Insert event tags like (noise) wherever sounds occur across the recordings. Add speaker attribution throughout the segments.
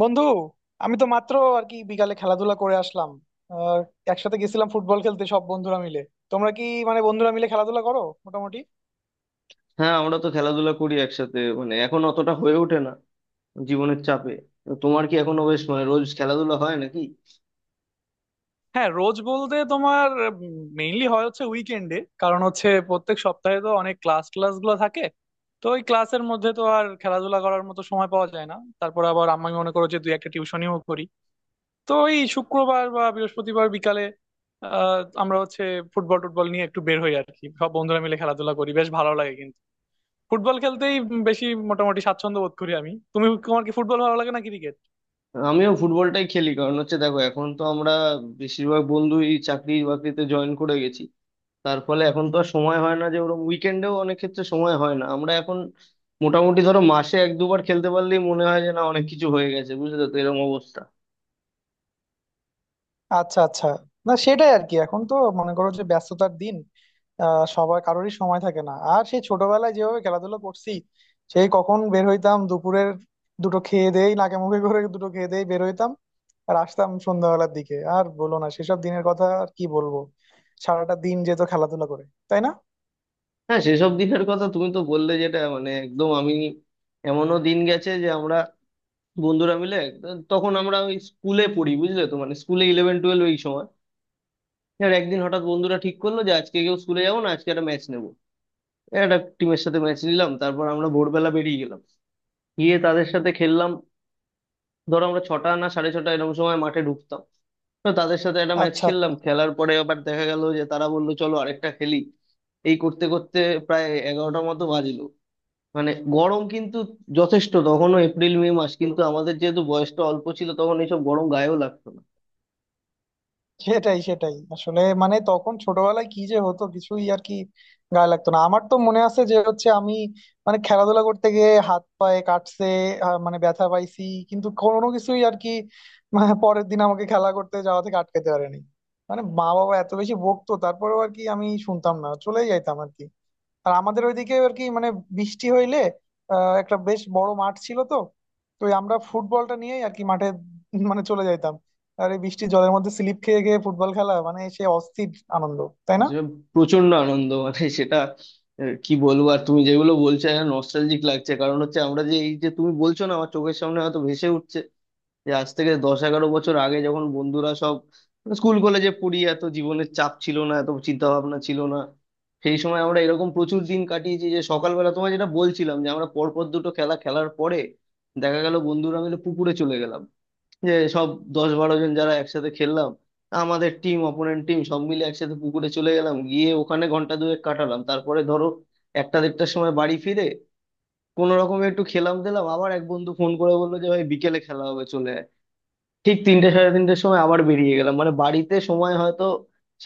Speaker 1: বন্ধু, আমি তো মাত্র আর কি বিকালে খেলাধুলা করে আসলাম। আহ, একসাথে গেছিলাম ফুটবল খেলতে সব বন্ধুরা মিলে। তোমরা কি মানে বন্ধুরা মিলে খেলাধুলা করো? মোটামুটি।
Speaker 2: হ্যাঁ, আমরা তো খেলাধুলা করি একসাথে, মানে এখন অতটা হয়ে ওঠে না জীবনের চাপে। তো তোমার কি এখনো বেশ মানে রোজ খেলাধুলা হয় নাকি?
Speaker 1: হ্যাঁ, রোজ বলতে তোমার মেইনলি হয় হচ্ছে উইকেন্ডে, কারণ হচ্ছে প্রত্যেক সপ্তাহে তো অনেক ক্লাস ক্লাস গুলো থাকে। তো ওই ক্লাসের মধ্যে তো আর খেলাধুলা করার মতো সময় পাওয়া যায় না। তারপর আবার আমি মনে করো যে দুই একটা টিউশনিও করি। তো ওই শুক্রবার বা বৃহস্পতিবার বিকালে আমরা হচ্ছে ফুটবল টুটবল নিয়ে একটু বের হই আর কি, সব বন্ধুরা মিলে খেলাধুলা করি, বেশ ভালো লাগে কিন্তু। ফুটবল খেলতেই বেশি মোটামুটি স্বাচ্ছন্দ্য বোধ করি আমি। তুমি তোমার কি ফুটবল ভালো লাগে না ক্রিকেট?
Speaker 2: আমিও ফুটবলটাই খেলি, কারণ হচ্ছে দেখো এখন তো আমরা বেশিরভাগ বন্ধুই চাকরি বাকরিতে জয়েন করে গেছি। তার ফলে এখন তো আর সময় হয় না, যে ওরকম উইকেন্ডেও অনেক ক্ষেত্রে সময় হয় না। আমরা এখন মোটামুটি ধরো মাসে এক দুবার খেলতে পারলেই মনে হয় যে না, অনেক কিছু হয়ে গেছে। বুঝলে তো, এরকম অবস্থা।
Speaker 1: আচ্ছা, আচ্ছা। না, সেটাই আর কি, এখন তো মনে করো যে ব্যস্ততার দিন, সবার কারোরই সময় থাকে না। আর সেই ছোটবেলায় যেভাবে খেলাধুলা করছি, সেই কখন বের হইতাম দুপুরের দুটো খেয়ে দেই, নাকে মুখে করে দুটো খেয়ে দেই বের হইতাম আর আসতাম সন্ধ্যাবেলার দিকে। আর বলো না সেসব দিনের কথা, আর কি বলবো, সারাটা দিন যেত খেলাধুলা করে, তাই না?
Speaker 2: হ্যাঁ, সেসব দিনের কথা তুমি তো বললে, যেটা মানে একদম আমি এমনও দিন গেছে যে আমরা বন্ধুরা মিলে, তখন আমরা ওই স্কুলে পড়ি, বুঝলে তো, মানে স্কুলে ইলেভেন টুয়েলভ এই সময়, আর একদিন হঠাৎ বন্ধুরা ঠিক করলো যে আজকে কেউ স্কুলে যাবো না, আজকে একটা ম্যাচ নেবো। একটা টিমের সাথে ম্যাচ নিলাম, তারপর আমরা ভোরবেলা বেরিয়ে গেলাম, গিয়ে তাদের সাথে খেললাম। ধরো আমরা 6টা না সাড়ে 6টা এরকম সময় মাঠে ঢুকতাম। তো তাদের সাথে একটা ম্যাচ
Speaker 1: আচ্ছা।
Speaker 2: খেললাম, খেলার পরে আবার দেখা গেল যে তারা বললো চলো আরেকটা খেলি। এই করতে করতে প্রায় 11টার মতো বাজলো। মানে গরম কিন্তু যথেষ্ট, তখনও এপ্রিল মে মাস, কিন্তু আমাদের যেহেতু বয়সটা অল্প ছিল তখন, এইসব গরম গায়েও লাগতো না।
Speaker 1: সেটাই, সেটাই, আসলে মানে তখন ছোটবেলায় কি যে হতো, কিছুই আর কি গায়ে লাগতো না। আমার তো মনে আছে যে হচ্ছে আমি মানে খেলাধুলা করতে গিয়ে হাত পায়ে কাটছে, মানে ব্যথা পাইছি, কিন্তু কোনো কিছুই আর কি মানে পরের দিন আমাকে খেলা করতে যাওয়া থেকে আটকাতে পারেনি। মানে মা বাবা এত বেশি বকতো, তারপরেও আর কি আমি শুনতাম না, চলেই যাইতাম আর কি। আর আমাদের ওইদিকে আর কি, মানে বৃষ্টি হইলে একটা বেশ বড় মাঠ ছিল তো, তো ওই আমরা ফুটবলটা নিয়েই আর কি মাঠে মানে চলে যাইতাম। আর এই বৃষ্টির জলের মধ্যে স্লিপ খেয়ে খেয়ে ফুটবল খেলা, মানে সে অস্থির আনন্দ, তাই না?
Speaker 2: যে প্রচন্ড আনন্দ, মানে সেটা কি বলবো আর। তুমি যেগুলো বলছো নস্টালজিক লাগছে, কারণ হচ্ছে আমরা যে, এই যে তুমি বলছো না, আমার চোখের সামনে হয়তো ভেসে উঠছে যে আজ থেকে 10-11 বছর আগে যখন বন্ধুরা সব স্কুল কলেজে পড়ি, এত জীবনের চাপ ছিল না, এত চিন্তা ভাবনা ছিল না। সেই সময় আমরা এরকম প্রচুর দিন কাটিয়েছি, যে সকালবেলা তোমায় যেটা বলছিলাম, যে আমরা পরপর দুটো খেলা খেলার পরে দেখা গেল বন্ধুরা মিলে পুকুরে চলে গেলাম। যে সব 10-12 জন যারা একসাথে খেললাম, আমাদের টিম অপোনেন্ট টিম সব মিলে একসাথে পুকুরে চলে গেলাম, গিয়ে ওখানে ঘন্টা দুয়েক কাটালাম। তারপরে ধরো একটা 1:30-এর সময় বাড়ি ফিরে কোনো রকমে একটু খেলাম দিলাম, আবার এক বন্ধু ফোন করে বললো যে ভাই বিকেলে খেলা হবে চলে আয়। ঠিক 3টে-সাড়ে 3টের সময় আবার বেরিয়ে গেলাম, মানে বাড়িতে সময় হয়তো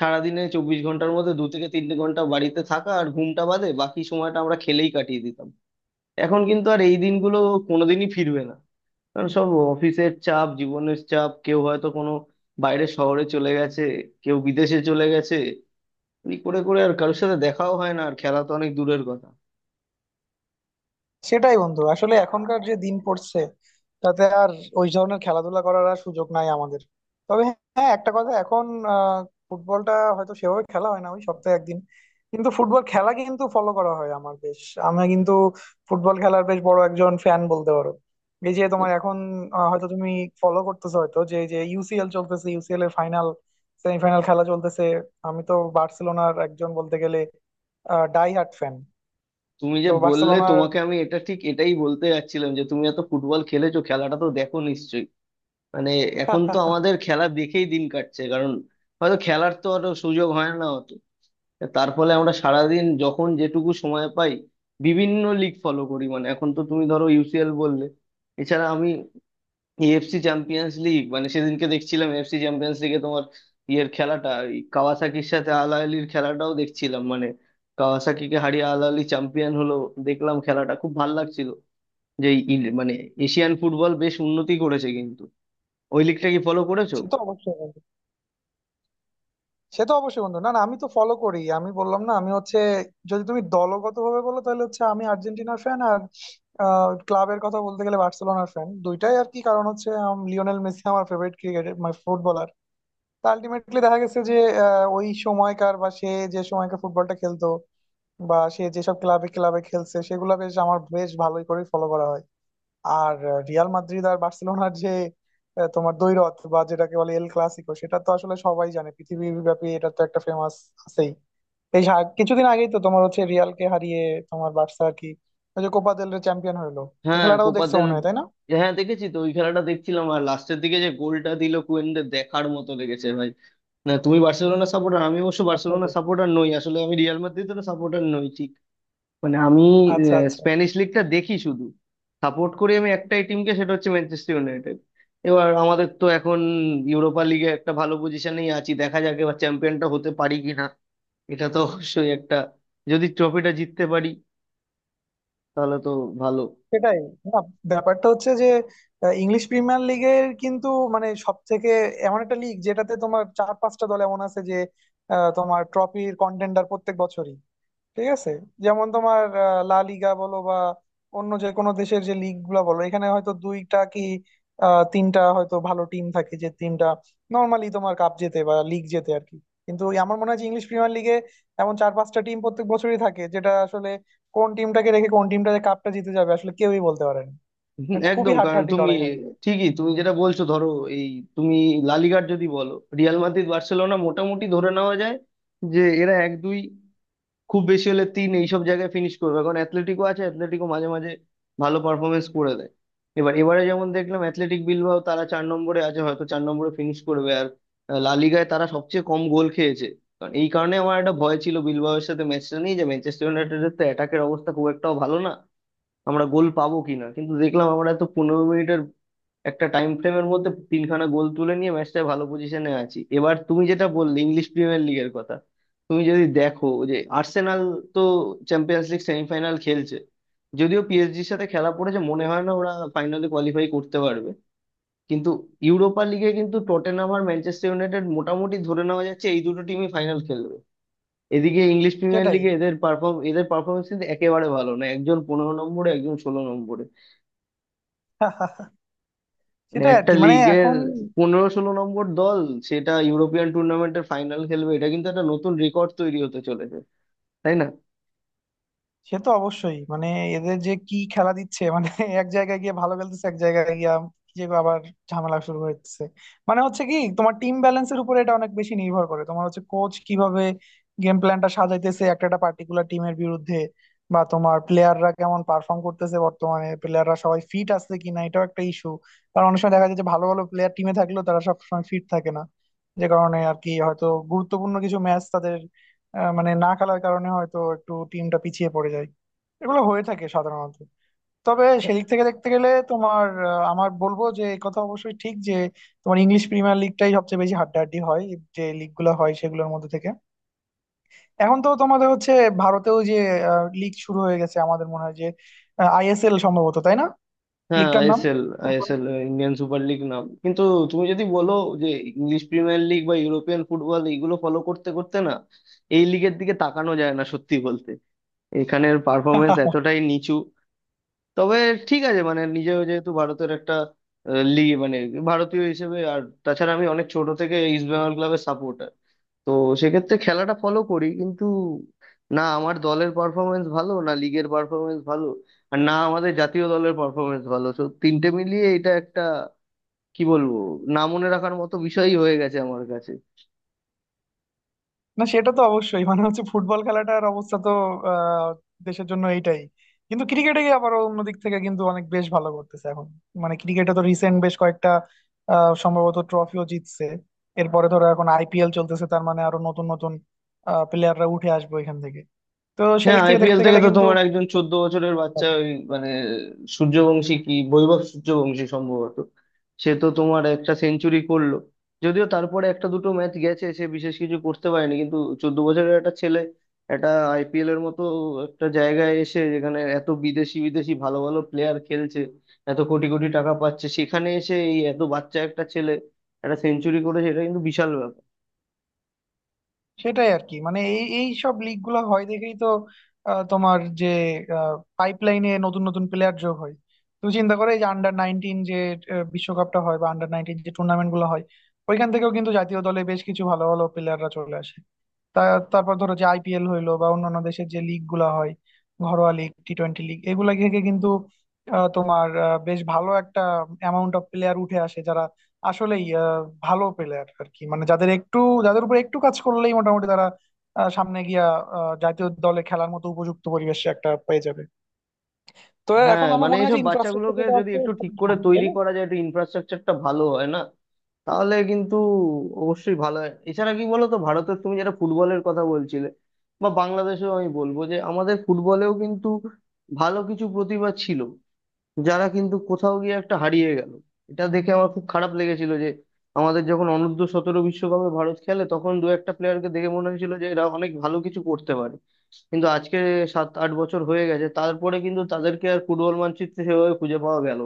Speaker 2: সারাদিনে 24 ঘন্টার মধ্যে 2-3 ঘন্টা বাড়িতে থাকা আর ঘুমটা বাদে বাকি সময়টা আমরা খেলেই কাটিয়ে দিতাম। এখন কিন্তু আর এই দিনগুলো কোনোদিনই ফিরবে না, কারণ সব অফিসের চাপ, জীবনের চাপ, কেউ হয়তো কোনো বাইরের শহরে চলে গেছে, কেউ বিদেশে চলে গেছে, এই করে করে আর কারোর সাথে দেখাও হয় না, আর খেলা তো অনেক দূরের কথা।
Speaker 1: সেটাই বন্ধু, আসলে এখনকার যে দিন পড়ছে, তাতে আর ওই ধরনের খেলাধুলা করার আর সুযোগ নাই আমাদের। তবে হ্যাঁ, একটা কথা, এখন আহ, ফুটবলটা হয়তো সেভাবে খেলা হয় না, ওই সপ্তাহে একদিন, কিন্তু ফুটবল খেলা কিন্তু ফলো করা হয় আমার বেশ। আমি কিন্তু ফুটবল খেলার বেশ বড় একজন ফ্যান বলতে পারো। এই যে তোমার এখন হয়তো তুমি ফলো করতেছো হয়তো, যে যে ইউসিএল চলতেছে, ইউসিএল এর ফাইনাল সেমিফাইনাল খেলা চলতেছে। আমি তো বার্সেলোনার একজন বলতে গেলে ডাই হার্ট ফ্যান।
Speaker 2: তুমি যে
Speaker 1: তো
Speaker 2: বললে,
Speaker 1: বার্সেলোনার
Speaker 2: তোমাকে আমি এটা ঠিক এটাই বলতে যাচ্ছিলাম যে তুমি এত ফুটবল খেলেছো, খেলাটা তো দেখো নিশ্চয়ই। মানে এখন তো
Speaker 1: (laughs)
Speaker 2: আমাদের খেলা দেখেই দিন কাটছে, কারণ হয়তো খেলার তো আর সুযোগ হয় না অত। তার ফলে আমরা সারাদিন যখন যেটুকু সময় পাই বিভিন্ন লিগ ফলো করি। মানে এখন তো তুমি ধরো ইউসিএল বললে, এছাড়া আমি এএফসি চ্যাম্পিয়ন্স লিগ, মানে সেদিনকে দেখছিলাম এএফসি চ্যাম্পিয়ন্স লিগে তোমার ইয়ের খেলাটা, এই কাওয়াসাকির সাথে আল আহলির খেলাটাও দেখছিলাম। মানে কাওয়াসাকিকে হারিয়ে আল আহলি চ্যাম্পিয়ন হলো, দেখলাম খেলাটা খুব ভাল লাগছিল। যে এই মানে এশিয়ান ফুটবল বেশ উন্নতি করেছে কিন্তু। ওই লিগটা কি ফলো করেছো?
Speaker 1: সে তো অবশ্যই বন্ধু, না না, আমি তো ফলো করি, আমি বললাম না, আমি হচ্ছে যদি তুমি দলগত ভাবে বলো তাহলে হচ্ছে আমি আর্জেন্টিনার ফ্যান, আর ক্লাবের কথা বলতে গেলে বার্সেলোনার ফ্যান, দুইটাই আর কি। কারণ হচ্ছে লিওনেল মেসি আমার ফেভারিট ক্রিকেটার, মানে ফুটবলার। তা আলটিমেটলি দেখা গেছে যে ওই সময়কার বা সে যে সময়কার ফুটবলটা খেলতো, বা সে যেসব ক্লাবে ক্লাবে খেলছে, সেগুলা বেশ আমার বেশ ভালোই করে ফলো করা হয়। আর রিয়াল মাদ্রিদ আর বার্সেলোনার যে তোমার দ্বৈরথ বা যেটাকে বলে এল ক্লাসিকো, সেটা তো আসলে সবাই জানে, পৃথিবীর ব্যাপী এটা তো একটা ফেমাস আছেই। এই কিছুদিন আগেই তো তোমার হচ্ছে রিয়ালকে হারিয়ে তোমার বার্সা আর কি ওই যে কোপা দেল রে চ্যাম্পিয়ন হলো। এই
Speaker 2: হ্যাঁ,
Speaker 1: খেলাটাও দেখছো
Speaker 2: কোপাদের।
Speaker 1: মনে হয়, তাই না?
Speaker 2: হ্যাঁ, দেখেছি তো, ওই খেলাটা দেখছিলাম। আর লাস্টের দিকে যে গোলটা দিল কুয়েনদের, দেখার মতো লেগেছে ভাই। না, তুমি বার্সেলোনা সাপোর্টার, আমি অবশ্য বার্সেলোনা
Speaker 1: আসলে
Speaker 2: সাপোর্টার নই, আসলে আমি রিয়াল মাদ্রিদের সাপোর্টার নই, মানে আমি
Speaker 1: আচ্ছা, আচ্ছা।
Speaker 2: স্প্যানিশ লিগটা দেখি শুধু। সাপোর্ট করি আমি একটাই টিমকে, সেটা হচ্ছে ম্যানচেস্টার ইউনাইটেড। এবার আমাদের তো এখন ইউরোপা লিগে একটা ভালো পজিশনেই আছি, দেখা যাক এবার চ্যাম্পিয়নটা হতে পারি কিনা। এটা তো অবশ্যই একটা, যদি ট্রফিটা জিততে পারি তাহলে তো ভালো।
Speaker 1: সেটাই, না, ব্যাপারটা হচ্ছে যে ইংলিশ প্রিমিয়ার লিগের কিন্তু মানে সব থেকে এমন একটা লিগ যেটাতে তোমার চার পাঁচটা দল এমন আছে যে তোমার ট্রফির কন্টেন্ডার প্রত্যেক বছরই, ঠিক আছে? যেমন তোমার লা লিগা বলো বা অন্য যে কোনো দেশের যে লিগ গুলা বলো, এখানে হয়তো দুইটা কি তিনটা হয়তো ভালো টিম থাকে, যে টিমটা নর্মালি তোমার কাপ জেতে বা লিগ জেতে আর কি। কিন্তু ওই আমার মনে হয় যে ইংলিশ প্রিমিয়ার লিগে এমন চার পাঁচটা টিম প্রত্যেক বছরই থাকে, যেটা আসলে কোন টিমটাকে রেখে কোন টিমটা যে কাপটা জিতে যাবে আসলে কেউই বলতে পারে না,
Speaker 2: হুম,
Speaker 1: মানে খুবই
Speaker 2: একদম। কারণ
Speaker 1: হাড্ডাহাড্ডি
Speaker 2: তুমি
Speaker 1: লড়াই হয়।
Speaker 2: ঠিকই তুমি যেটা বলছো, ধরো এই তুমি লালিগার যদি বলো, রিয়াল মাদ্রিদ বার্সেলোনা মোটামুটি ধরে নেওয়া যায় যে এরা এক দুই, খুব বেশি হলে তিন এইসব জায়গায় ফিনিশ করবে। কারণ অ্যাথলেটিকও আছে, অ্যাথলেটিকও মাঝে মাঝে ভালো পারফরমেন্স করে দেয়। এবারে যেমন দেখলাম অ্যাথলেটিক বিলবাও, তারা 4 নম্বরে আছে, হয়তো 4 নম্বরে ফিনিশ করবে, আর লা লিগায় তারা সবচেয়ে কম গোল খেয়েছে। কারণ এই কারণে আমার একটা ভয় ছিল বিলবাওয়ের সাথে ম্যাচটা নিয়ে, যে ম্যানচেস্টার ইউনাইটেডের তো অ্যাটাকের অবস্থা খুব একটাও ভালো না, আমরা গোল পাবো কিনা। কিন্তু দেখলাম আমরা তো 15 মিনিটের একটা টাইম ফ্রেমের মধ্যে তিনখানা গোল তুলে নিয়ে ম্যাচটায় ভালো পজিশনে আছি। এবার তুমি যেটা বললে ইংলিশ প্রিমিয়ার লিগের কথা, তুমি যদি দেখো যে আর্সেনাল তো চ্যাম্পিয়ন্স লিগ সেমিফাইনাল খেলছে, যদিও পিএসজির সাথে খেলা পড়েছে, মনে হয় না ওরা ফাইনালে কোয়ালিফাই করতে পারবে। কিন্তু ইউরোপা লিগে কিন্তু টটেনহাম আর ম্যানচেস্টার ইউনাইটেড মোটামুটি ধরে নেওয়া যাচ্ছে এই দুটো টিমই ফাইনাল খেলবে। এদিকে ইংলিশ প্রিমিয়ার
Speaker 1: সেটাই
Speaker 2: লিগে এদের পারফরমেন্স কিন্তু একেবারে ভালো না, একজন 15 নম্বরে, একজন 16 নম্বরে।
Speaker 1: (laughs)
Speaker 2: মানে
Speaker 1: সেটাই আর
Speaker 2: একটা
Speaker 1: কি, মানে
Speaker 2: লিগের
Speaker 1: এখন
Speaker 2: 15-16 নম্বর দল সেটা ইউরোপিয়ান টুর্নামেন্টের ফাইনাল খেলবে, এটা কিন্তু একটা নতুন রেকর্ড তৈরি হতে চলেছে, তাই না?
Speaker 1: সে তো অবশ্যই মানে এদের যে কি খেলা দিচ্ছে, মানে (laughs) এক জায়গায় গিয়ে ভালো খেলতেছে, এক জায়গায় গিয়ে যে আবার ঝামেলা শুরু হচ্ছে। মানে হচ্ছে কি, তোমার টিম ব্যালেন্সের উপরে এটা অনেক বেশি নির্ভর করে, তোমার হচ্ছে কোচ কিভাবে গেম প্ল্যানটা সাজাইতেছে একটা একটা পার্টিকুলার টিমের বিরুদ্ধে, বা তোমার প্লেয়াররা কেমন পারফর্ম করতেছে বর্তমানে, প্লেয়াররা সবাই ফিট আছে কিনা, এটাও একটা ইস্যু। কারণ অনেক সময় দেখা যায় যে ভালো ভালো প্লেয়ার টিমে থাকলেও তারা সবসময় ফিট থাকে না, যে কারণে আর কি হয়তো গুরুত্বপূর্ণ কিছু ম্যাচ তাদের মানে না খেলার কারণে হয়তো একটু টিমটা পিছিয়ে পড়ে যায়। এগুলো হয়ে থাকে সাধারণত। তবে সেদিক থেকে দেখতে গেলে তোমার আমার বলবো যে এই কথা অবশ্যই ঠিক, যে তোমার ইংলিশ প্রিমিয়ার লিগটাই সবচেয়ে বেশি হাড্ডাহাড্ডি হয় যে লিগ গুলো হয় সেগুলোর মধ্যে থেকে। এখন তো তোমাদের হচ্ছে ভারতেও যে লিগ শুরু হয়ে গেছে, আমাদের মনে হয় যে আইএসএল সম্ভবত, তাই না?
Speaker 2: হ্যাঁ,
Speaker 1: লিগটার নাম,
Speaker 2: ISL.
Speaker 1: Football.
Speaker 2: ISL, Indian super league নাম। কিন্তু তুমি যদি বলো যে ইংলিশ প্রিমিয়ার লিগ বা ইউরোপিয়ান ফুটবল এইগুলো ফলো করতে করতে না এই লিগের দিকে তাকানো যায় না, সত্যি বলতে এখানের পারফরমেন্স
Speaker 1: (laughs)
Speaker 2: এতটাই নিচু। তবে ঠিক আছে, মানে নিজেও যেহেতু ভারতের একটা লিগ, মানে ভারতীয় হিসেবে, আর তাছাড়া আমি অনেক ছোট থেকে ইস্ট বেঙ্গল ক্লাবের সাপোর্টার, তো সেক্ষেত্রে খেলাটা ফলো করি। কিন্তু না আমার দলের পারফরমেন্স ভালো, না লিগের পারফরমেন্স ভালো, আর না আমাদের জাতীয় দলের পারফরমেন্স ভালো। তো তিনটে মিলিয়ে এটা একটা, কি বলবো, না মনে রাখার মতো বিষয়ই হয়ে গেছে আমার কাছে।
Speaker 1: না, সেটা তো অবশ্যই, মানে হচ্ছে ফুটবল খেলাটার অবস্থা তো আহ, দেশের জন্য এইটাই। কিন্তু ক্রিকেটে গিয়ে আবার অন্য দিক থেকে কিন্তু অনেক বেশ ভালো করতেছে এখন। মানে ক্রিকেটে তো রিসেন্ট বেশ কয়েকটা সম্ভবত ট্রফিও জিতছে। এরপরে ধরো এখন আইপিএল চলতেছে, তার মানে আরো নতুন নতুন প্লেয়াররা উঠে আসবে এখান থেকে। তো
Speaker 2: হ্যাঁ,
Speaker 1: সেদিক থেকে
Speaker 2: আইপিএল
Speaker 1: দেখতে
Speaker 2: থেকে
Speaker 1: গেলে
Speaker 2: তো
Speaker 1: কিন্তু
Speaker 2: তোমার একজন 14 বছরের বাচ্চা, ওই মানে সূর্যবংশী, কি বৈভব সূর্যবংশী সম্ভবত, সে তো তোমার একটা সেঞ্চুরি করলো। যদিও তারপরে একটা দুটো ম্যাচ গেছে সে বিশেষ কিছু করতে পারেনি, কিন্তু 14 বছরের একটা ছেলে একটা আইপিএল এর মতো একটা জায়গায় এসে, যেখানে এত বিদেশি বিদেশি ভালো ভালো প্লেয়ার খেলছে, এত কোটি কোটি টাকা পাচ্ছে, সেখানে এসে এই এত বাচ্চা একটা ছেলে একটা সেঞ্চুরি করেছে, এটা কিন্তু বিশাল ব্যাপার।
Speaker 1: সেটাই আর কি, মানে এই এই সব লিগ গুলো হয় দেখেই তো তোমার যে পাইপলাইনে নতুন নতুন প্লেয়ার যোগ হয়। তুমি চিন্তা করো, এই যে আন্ডার 19 যে বিশ্বকাপটা হয়, বা আন্ডার 19 যে টুর্নামেন্ট গুলো হয়, ওইখান থেকেও কিন্তু জাতীয় দলে বেশ কিছু ভালো ভালো প্লেয়াররা চলে আসে। তা তারপর ধরো যে আইপিএল হইলো বা অন্যান্য দেশের যে লিগ গুলা হয়, ঘরোয়া লিগ, টি20 লিগ, এগুলা থেকে কিন্তু তোমার বেশ ভালো একটা অ্যামাউন্ট অফ প্লেয়ার উঠে আসে, যারা আসলেই ভালো প্লেয়ার আর কি, মানে যাদের উপর একটু কাজ করলেই মোটামুটি তারা সামনে গিয়া জাতীয় দলে খেলার মতো উপযুক্ত পরিবেশে একটা পেয়ে যাবে। তো
Speaker 2: হ্যাঁ,
Speaker 1: এখন আমার
Speaker 2: মানে
Speaker 1: মনে হয়
Speaker 2: এইসব
Speaker 1: যে ইনফ্রাস্ট্রাকচার
Speaker 2: বাচ্চাগুলোকে
Speaker 1: যেটা
Speaker 2: যদি
Speaker 1: আছে
Speaker 2: একটু
Speaker 1: সেটা
Speaker 2: ঠিক করে
Speaker 1: ভালো, তাই
Speaker 2: তৈরি
Speaker 1: না?
Speaker 2: করা যায়, একটু ইনফ্রাস্ট্রাকচারটা ভালো হয় না তাহলে কিন্তু অবশ্যই ভালো হয়। এছাড়া কি বলতো, ভারতের তুমি যেটা ফুটবলের কথা বলছিলে, বা বাংলাদেশেও আমি বলবো যে আমাদের ফুটবলেও কিন্তু ভালো কিছু প্রতিভা ছিল, যারা কিন্তু কোথাও গিয়ে একটা হারিয়ে গেল। এটা দেখে আমার খুব খারাপ লেগেছিল যে আমাদের যখন অনূর্ধ্ব 17 বিশ্বকাপে ভারত খেলে, তখন দু একটা প্লেয়ারকে দেখে মনে হয়েছিল যে এরা অনেক ভালো কিছু করতে পারে। কিন্তু আজকে 7-8 বছর হয়ে গেছে তারপরে, কিন্তু তাদেরকে আর ফুটবল মানচিত্রে সেভাবে খুঁজে পাওয়া গেল।